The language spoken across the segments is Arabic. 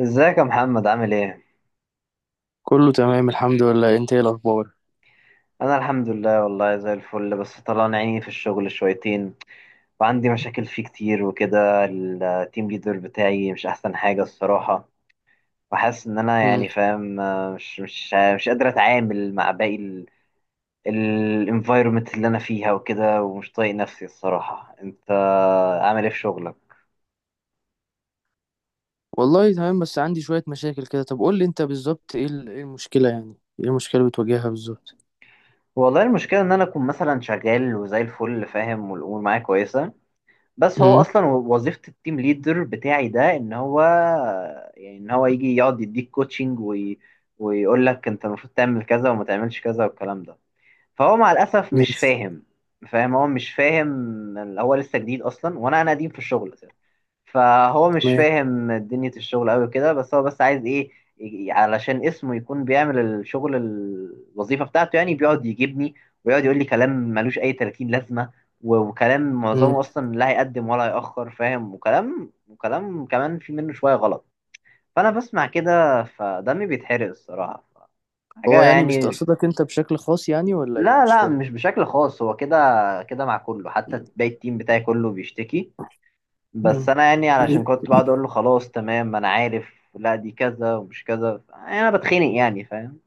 ازيك يا محمد؟ عامل ايه؟ كله تمام، الحمد لله. انت ايه الاخبار؟ انا الحمد لله، والله زي الفل، بس طلعنا عيني في الشغل شويتين، وعندي مشاكل فيه كتير وكده. التيم ليدر بتاعي مش احسن حاجة الصراحة، وحاسس ان انا مم. يعني فاهم مش قادر اتعامل مع باقي الانفايرمنت اللي انا فيها وكده، ومش طايق نفسي الصراحة. انت عامل ايه في شغلك؟ والله تمام، بس عندي شوية مشاكل كده. طب قول لي انت بالظبط، ايه ايه المشكلة؟ يعني ايه المشكلة اللي بتواجهها بالظبط؟ والله المشكلة ان انا اكون مثلا شغال وزي الفل فاهم والامور معايا كويسة، بس هو مم. اصلا وظيفه التيم ليدر بتاعي ده ان هو يجي يقعد يديك كوتشنج ويقول لك انت المفروض تعمل كذا وما تعملش كذا والكلام ده. فهو مع الاسف مش ماشي. فاهم. هو مش فاهم، هو لسه جديد اصلا، وانا قديم في الشغل اساسا. فهو مش تمام. فاهم دنيا الشغل قوي كده، بس هو عايز ايه؟ علشان اسمه يكون بيعمل الشغل، الوظيفة بتاعته، يعني بيقعد يجيبني ويقعد يقول لي كلام ملوش اي 30 لازمة، وكلام مم. معظمه اصلا لا هيقدم ولا هيأخر فاهم، وكلام كمان في منه شوية غلط. فانا بسمع كده فدمي بيتحرق الصراحة، هو حاجة يعني يعني. مستقصدك انت بشكل خاص يعني، ولا ايه؟ لا مش لا، فاهم. مش بشكل خاص، هو كده كده مع كله، حتى باقي التيم بتاعي كله بيشتكي. بس مم. انا يعني علشان مم. كنت بقعد اقول له خلاص تمام انا عارف، لا دي كذا ومش كذا، يعني انا بتخنق يعني فاهم.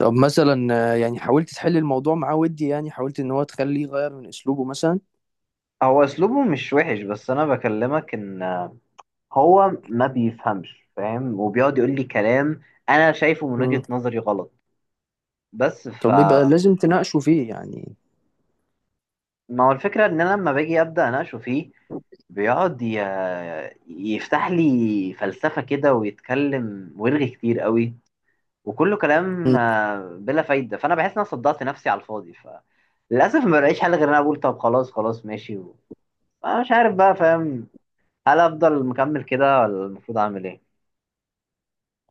طب مثلا، يعني حاولت تحل الموضوع معاه؟ ودي يعني حاولت ان هو تخليه يغير من اسلوبه مثلا؟ هو اسلوبه مش وحش، بس انا بكلمك ان هو ما بيفهمش فاهم، وبيقعد يقول لي كلام انا شايفه من مم. وجهة نظري غلط، بس. طب يبقى لازم تناقشه فيه يعني. ما هو الفكرة ان انا لما باجي ابدا اناقشه فيه بيقعد يفتح لي فلسفة كده ويتكلم ويرغي كتير قوي، وكله كلام مم. بلا فايدة. فانا بحس ان انا صدعت نفسي على الفاضي، ف للاسف ما بلاقيش حل غير ان انا اقول طب خلاص، خلاص ماشي انا مش عارف بقى فاهم، هل افضل مكمل كده ولا المفروض اعمل ايه؟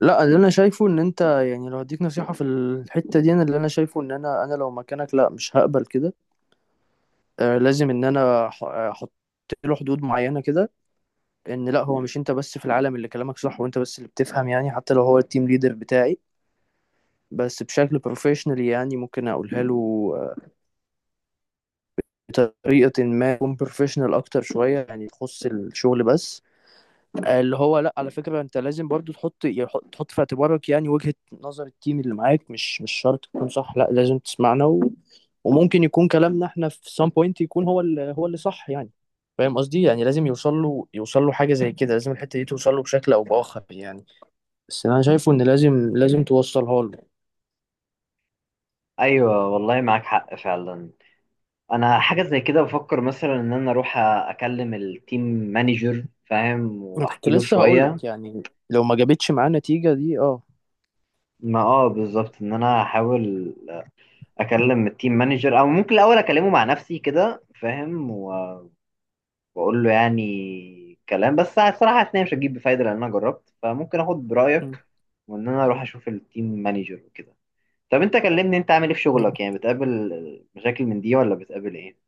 لا، اللي انا شايفه ان انت يعني، لو هديك نصيحة في الحتة دي، انا اللي انا شايفه ان انا لو مكانك، لا مش هقبل كده. لازم ان انا احط له حدود معينه كده. ان لا، هو مش انت بس في العالم اللي كلامك صح وانت بس اللي بتفهم يعني. حتى لو هو التيم ليدر بتاعي، بس بشكل بروفيشنال يعني ممكن اقولها له. آه، بطريقه ما تكون بروفيشنال اكتر شويه، يعني تخص الشغل بس. اللي هو، لا على فكرة انت لازم برضو تحط في اعتبارك يعني وجهة نظر التيم اللي معاك. مش شرط تكون صح. لا، لازم تسمعنا، وممكن يكون كلامنا احنا في سام بوينت، يكون هو اللي هو اللي صح يعني. فاهم قصدي؟ يعني لازم يوصل له، يوصل له حاجة زي كده. لازم الحتة دي توصل له بشكل او باخر يعني. بس انا شايفه ان لازم لازم توصلها له. ايوه والله معاك حق فعلا. انا حاجه زي كده بفكر مثلا، ان انا اروح اكلم التيم مانجر فاهم انا كنت واحكي له لسه هقول شويه. لك يعني، لو ما جابتش معاه نتيجة دي. اه. ما اه، بالظبط، ان انا احاول اكلم التيم مانجر، او ممكن الاول اكلمه مع نفسي كده فاهم بقول له يعني كلام، بس الصراحه حاسس إن هي مش هتجيب بفايده لان انا جربت، فممكن اخد م- برايك وان انا اروح اشوف التيم مانجر وكده. طب انت كلمني، انت عامل ايه في م. شغلك؟ يعني بتقابل مشاكل من دي ولا بتقابل ايه؟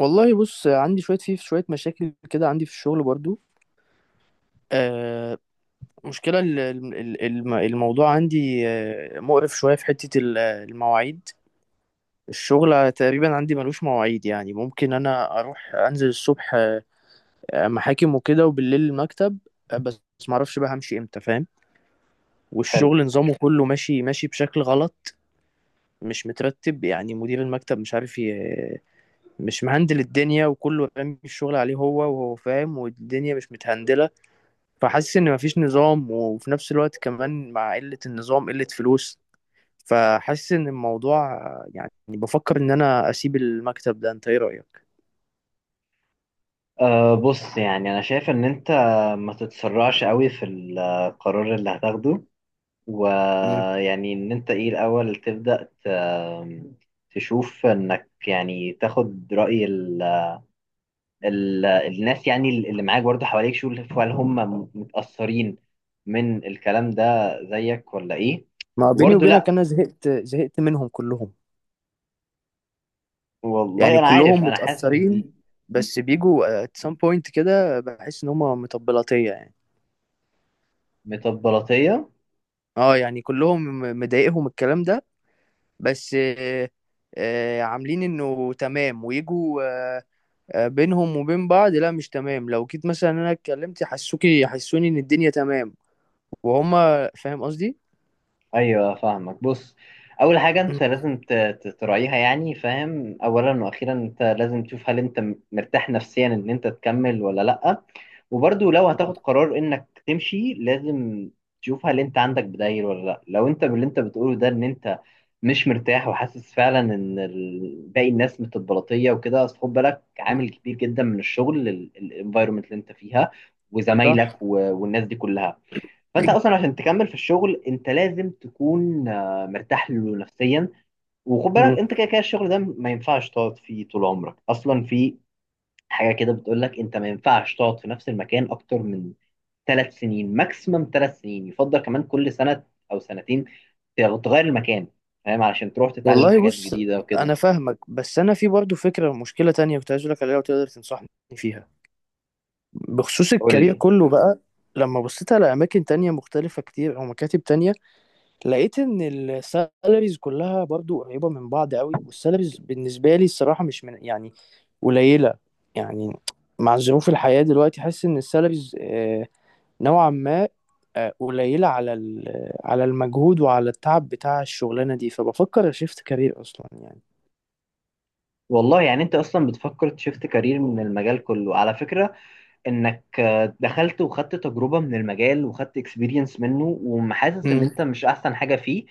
والله بص، عندي شوية في شوية مشاكل كده، عندي في الشغل برضو. آه، المشكلة ال- ال- ال- الم- الموضوع عندي مقرف شوية، في حتة المواعيد. الشغل تقريبا عندي ملوش مواعيد، يعني ممكن أنا أروح أنزل الصبح محاكم وكده، وبالليل المكتب. بس معرفش بقى همشي إمتى، فاهم. حلو. والشغل نظامه كله ماشي ماشي بشكل غلط. مش مترتب، يعني مدير المكتب مش عارف مش مهندل الدنيا. وكله رامي الشغل عليه هو، وهو فاهم، والدنيا مش متهندلة. فحاسس إن مفيش نظام. وفي نفس الوقت كمان، مع قلة النظام، قلة فلوس. فحاسس ان الموضوع، يعني بفكر ان انا اسيب المكتب ده. انت ايه رأيك؟ أه، بص، يعني انا شايف ان انت ما تتسرعش قوي في القرار اللي هتاخده، مم. ويعني ان انت ايه الاول تبدا تشوف انك يعني تاخد راي الناس يعني اللي معاك برضه حواليك. شوف هل هم متأثرين من الكلام ده زيك ولا ايه؟ ما بيني وبرضه وبينك، لا. انا زهقت زهقت منهم كلهم. والله يعني انا عارف، كلهم انا حاسس متأثرين، بس بيجوا at some point كده بحس ان هم مطبلاتية يعني. بتبلطية. اه، يعني كلهم مضايقهم الكلام ده، بس عاملين انه تمام ويجوا. آه، بينهم وبين بعض، لا مش تمام. لو جيت مثلا انا اتكلمت، يحسوني ان الدنيا تمام، وهم. فاهم قصدي؟ ايوه فاهمك. بص، اول حاجه مم. انت لازم تراعيها يعني فاهم، اولا واخيرا انت لازم تشوف هل انت مرتاح نفسيا ان انت تكمل ولا لا. وبرضو لو هتاخد قرار انك تمشي، لازم تشوف هل انت عندك بدايل ولا لا. لو انت باللي انت بتقوله ده ان انت مش مرتاح وحاسس فعلا ان باقي الناس متبلطيه وكده، اصل خد بالك، مم. عامل كبير جدا من الشغل الانفايرمنت اللي انت فيها صح. وزمايلك والناس دي كلها. فانت إيه. اصلا عشان تكمل في الشغل انت لازم تكون مرتاح له نفسيا. وخد بالك مم. انت كده كده الشغل ده ما ينفعش تقعد فيه طول عمرك اصلا. في حاجه كده بتقول لك انت ما ينفعش تقعد في نفس المكان اكتر من ثلاث سنين، ماكسيمم ثلاث سنين، يفضل كمان كل سنه او سنتين تغير المكان، فاهم، علشان تروح تتعلم والله حاجات بص، جديده وكده. انا فاهمك، بس انا في برضه فكره، مشكله تانية كنت عايز اقول لك عليها وتقدر تنصحني فيها، بخصوص قول الكارير لي. كله بقى. لما بصيت على اماكن تانية مختلفه كتير او مكاتب تانية، لقيت ان السالاريز كلها برضه قريبه من بعض قوي. والسالاريز بالنسبه لي الصراحه مش من يعني قليله، يعني مع ظروف الحياه دلوقتي حاسس ان السالاريز نوعا ما قليلة على على المجهود وعلى التعب بتاع الشغلانة دي. فبفكر شيفت كارير أصلا يعني. والله يعني انت اصلا بتفكر تشفت كارير من المجال كله على فكره، انك دخلت وخدت تجربة من المجال وخدت اكسبيرينس منه وحاسس ان مم. انت مش احسن حاجة فيه.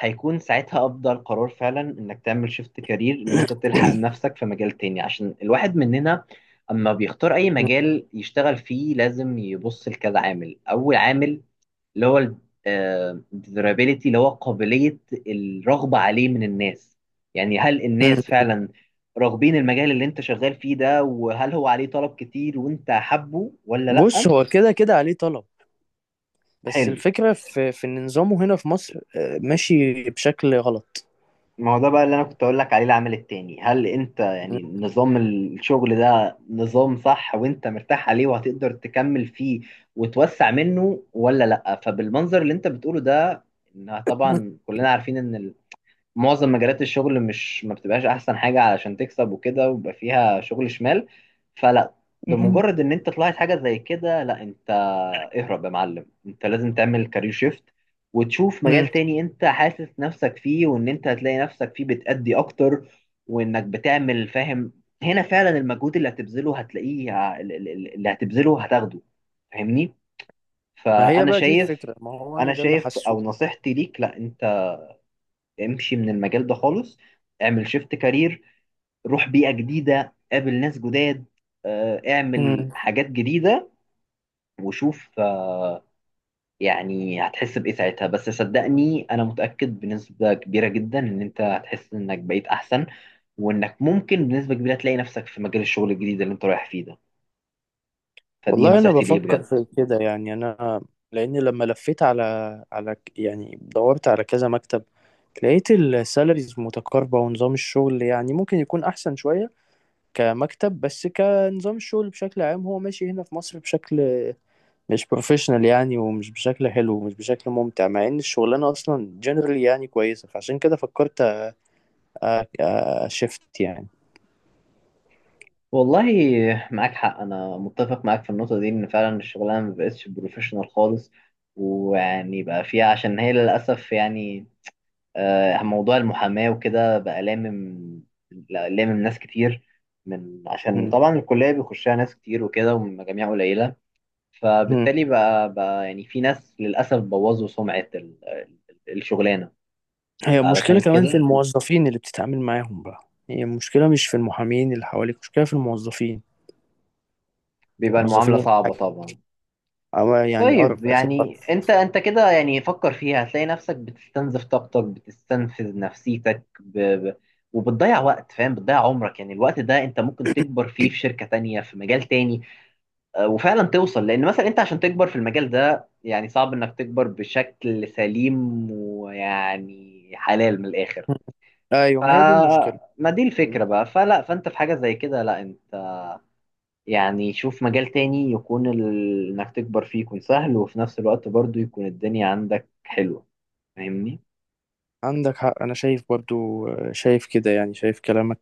هيكون ساعتها افضل قرار فعلا انك تعمل شيفت كارير، ان انت تلحق نفسك في مجال تاني. عشان الواحد مننا اما بيختار اي مجال يشتغل فيه لازم يبص لكذا عامل. اول عامل اللي هو ال desirability، اللي هو قابلية الرغبة عليه من الناس، يعني هل مم. الناس فعلا راغبين المجال اللي انت شغال فيه ده، وهل هو عليه طلب كتير وانت حابه ولا بص، لأ؟ هو كده كده عليه طلب. بس حلو، الفكرة في إن نظامه هنا في مصر ماشي بشكل غلط. ما هو ده بقى اللي انا كنت اقول لك عليه. العامل التاني، هل انت يعني نظام الشغل ده نظام صح وانت مرتاح عليه وهتقدر تكمل فيه وتوسع منه ولا لأ؟ فبالمنظر اللي انت بتقوله ده إنها، طبعا كلنا عارفين ان معظم مجالات الشغل مش ما بتبقاش احسن حاجه علشان تكسب وكده، ويبقى فيها شغل شمال. فلا، مم. بمجرد ان انت طلعت حاجه زي كده، لا انت اهرب يا معلم، انت لازم تعمل كارير شيفت وتشوف مجال مم. تاني انت حاسس نفسك فيه، وان انت هتلاقي نفسك فيه بتأدي اكتر، وانك بتعمل فاهم، هنا فعلا المجهود اللي هتبذله هتلاقيه، اللي هتبذله هتاخده، فاهمني. ما هي فانا بقى دي شايف، الفكرة، ما هو أنا انا ده اللي شايف حاسه. او نصيحتي ليك، لا امشي من المجال ده خالص، اعمل شيفت كارير، روح بيئة جديدة، قابل ناس جداد، اعمل حاجات جديدة، وشوف يعني هتحس بإيه ساعتها. بس صدقني أنا متأكد بنسبة كبيرة جدا إن أنت هتحس إنك بقيت أحسن، وإنك ممكن بنسبة كبيرة تلاقي نفسك في مجال الشغل الجديد اللي أنت رايح فيه ده. فدي والله انا نصيحتي ليه بفكر بجد. في كده يعني. انا لان لما لفيت على، يعني دورت على كذا مكتب. لقيت السالاريز متقاربة، ونظام الشغل يعني ممكن يكون احسن شوية كمكتب. بس كنظام الشغل بشكل عام، هو ماشي هنا في مصر بشكل مش بروفيشنال يعني، ومش بشكل حلو، ومش بشكل ممتع. مع ان الشغلانة اصلا جنرال يعني كويسة. فعشان كده فكرت، أ- اشفت يعني. والله معاك حق، أنا متفق معاك في النقطة دي إن فعلا الشغلانة مبقتش بروفيشنال خالص، ويعني بقى فيها عشان هي للأسف يعني موضوع المحاماة وكده بقى لامم لا- لامم ناس كتير، من عشان م- طبعا الكلية بيخشها ناس كتير وكده ومن مجاميع قليلة، م. فبالتالي بقى، يعني في ناس للأسف بوظوا سمعة الشغلانة، هي المشكلة علشان كمان في كده الموظفين اللي بتتعامل معاهم بقى. هي المشكلة مش في المحامين اللي حواليك، المشكلة في الموظفين. بيبقى موظفين المعاملة صعبة الحاجة، طبعا. أو يعني طيب، قرف آخر يعني قرف. انت كده يعني فكر فيها. هتلاقي نفسك بتستنزف طاقتك، بتستنفذ نفسيتك وبتضيع وقت فاهم، بتضيع عمرك، يعني الوقت ده انت ممكن تكبر فيه في شركة تانية في مجال تاني، وفعلا توصل، لان مثلا انت عشان تكبر في المجال ده يعني صعب انك تكبر بشكل سليم ويعني حلال من الاخر. مم. أيوة، ما هي دي المشكلة. فما دي مم. الفكرة بقى، فلا، فانت في حاجة زي كده لا انت يعني شوف مجال تاني يكون انك تكبر فيه يكون سهل، وفي نفس الوقت برضو يكون الدنيا عندك حلوة، فاهمني. عندك حق. أنا شايف برضو، شايف كده يعني، شايف كلامك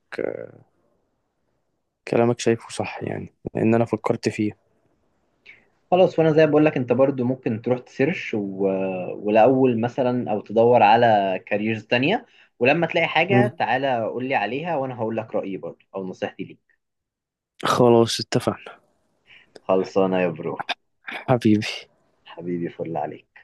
كلامك شايفه صح يعني. لأن أنا فكرت فيه. خلاص، وانا زي ما بقول لك، انت برضو ممكن تروح تسيرش ولاول مثلا، او تدور على كاريرز تانية، ولما تلاقي مم. حاجة تعالى قول لي عليها وانا هقول لك رأيي برضو او نصيحتي ليك. خلاص اتفقنا. خلصانه يا برو. حبيبي. حبيبي فل عليك.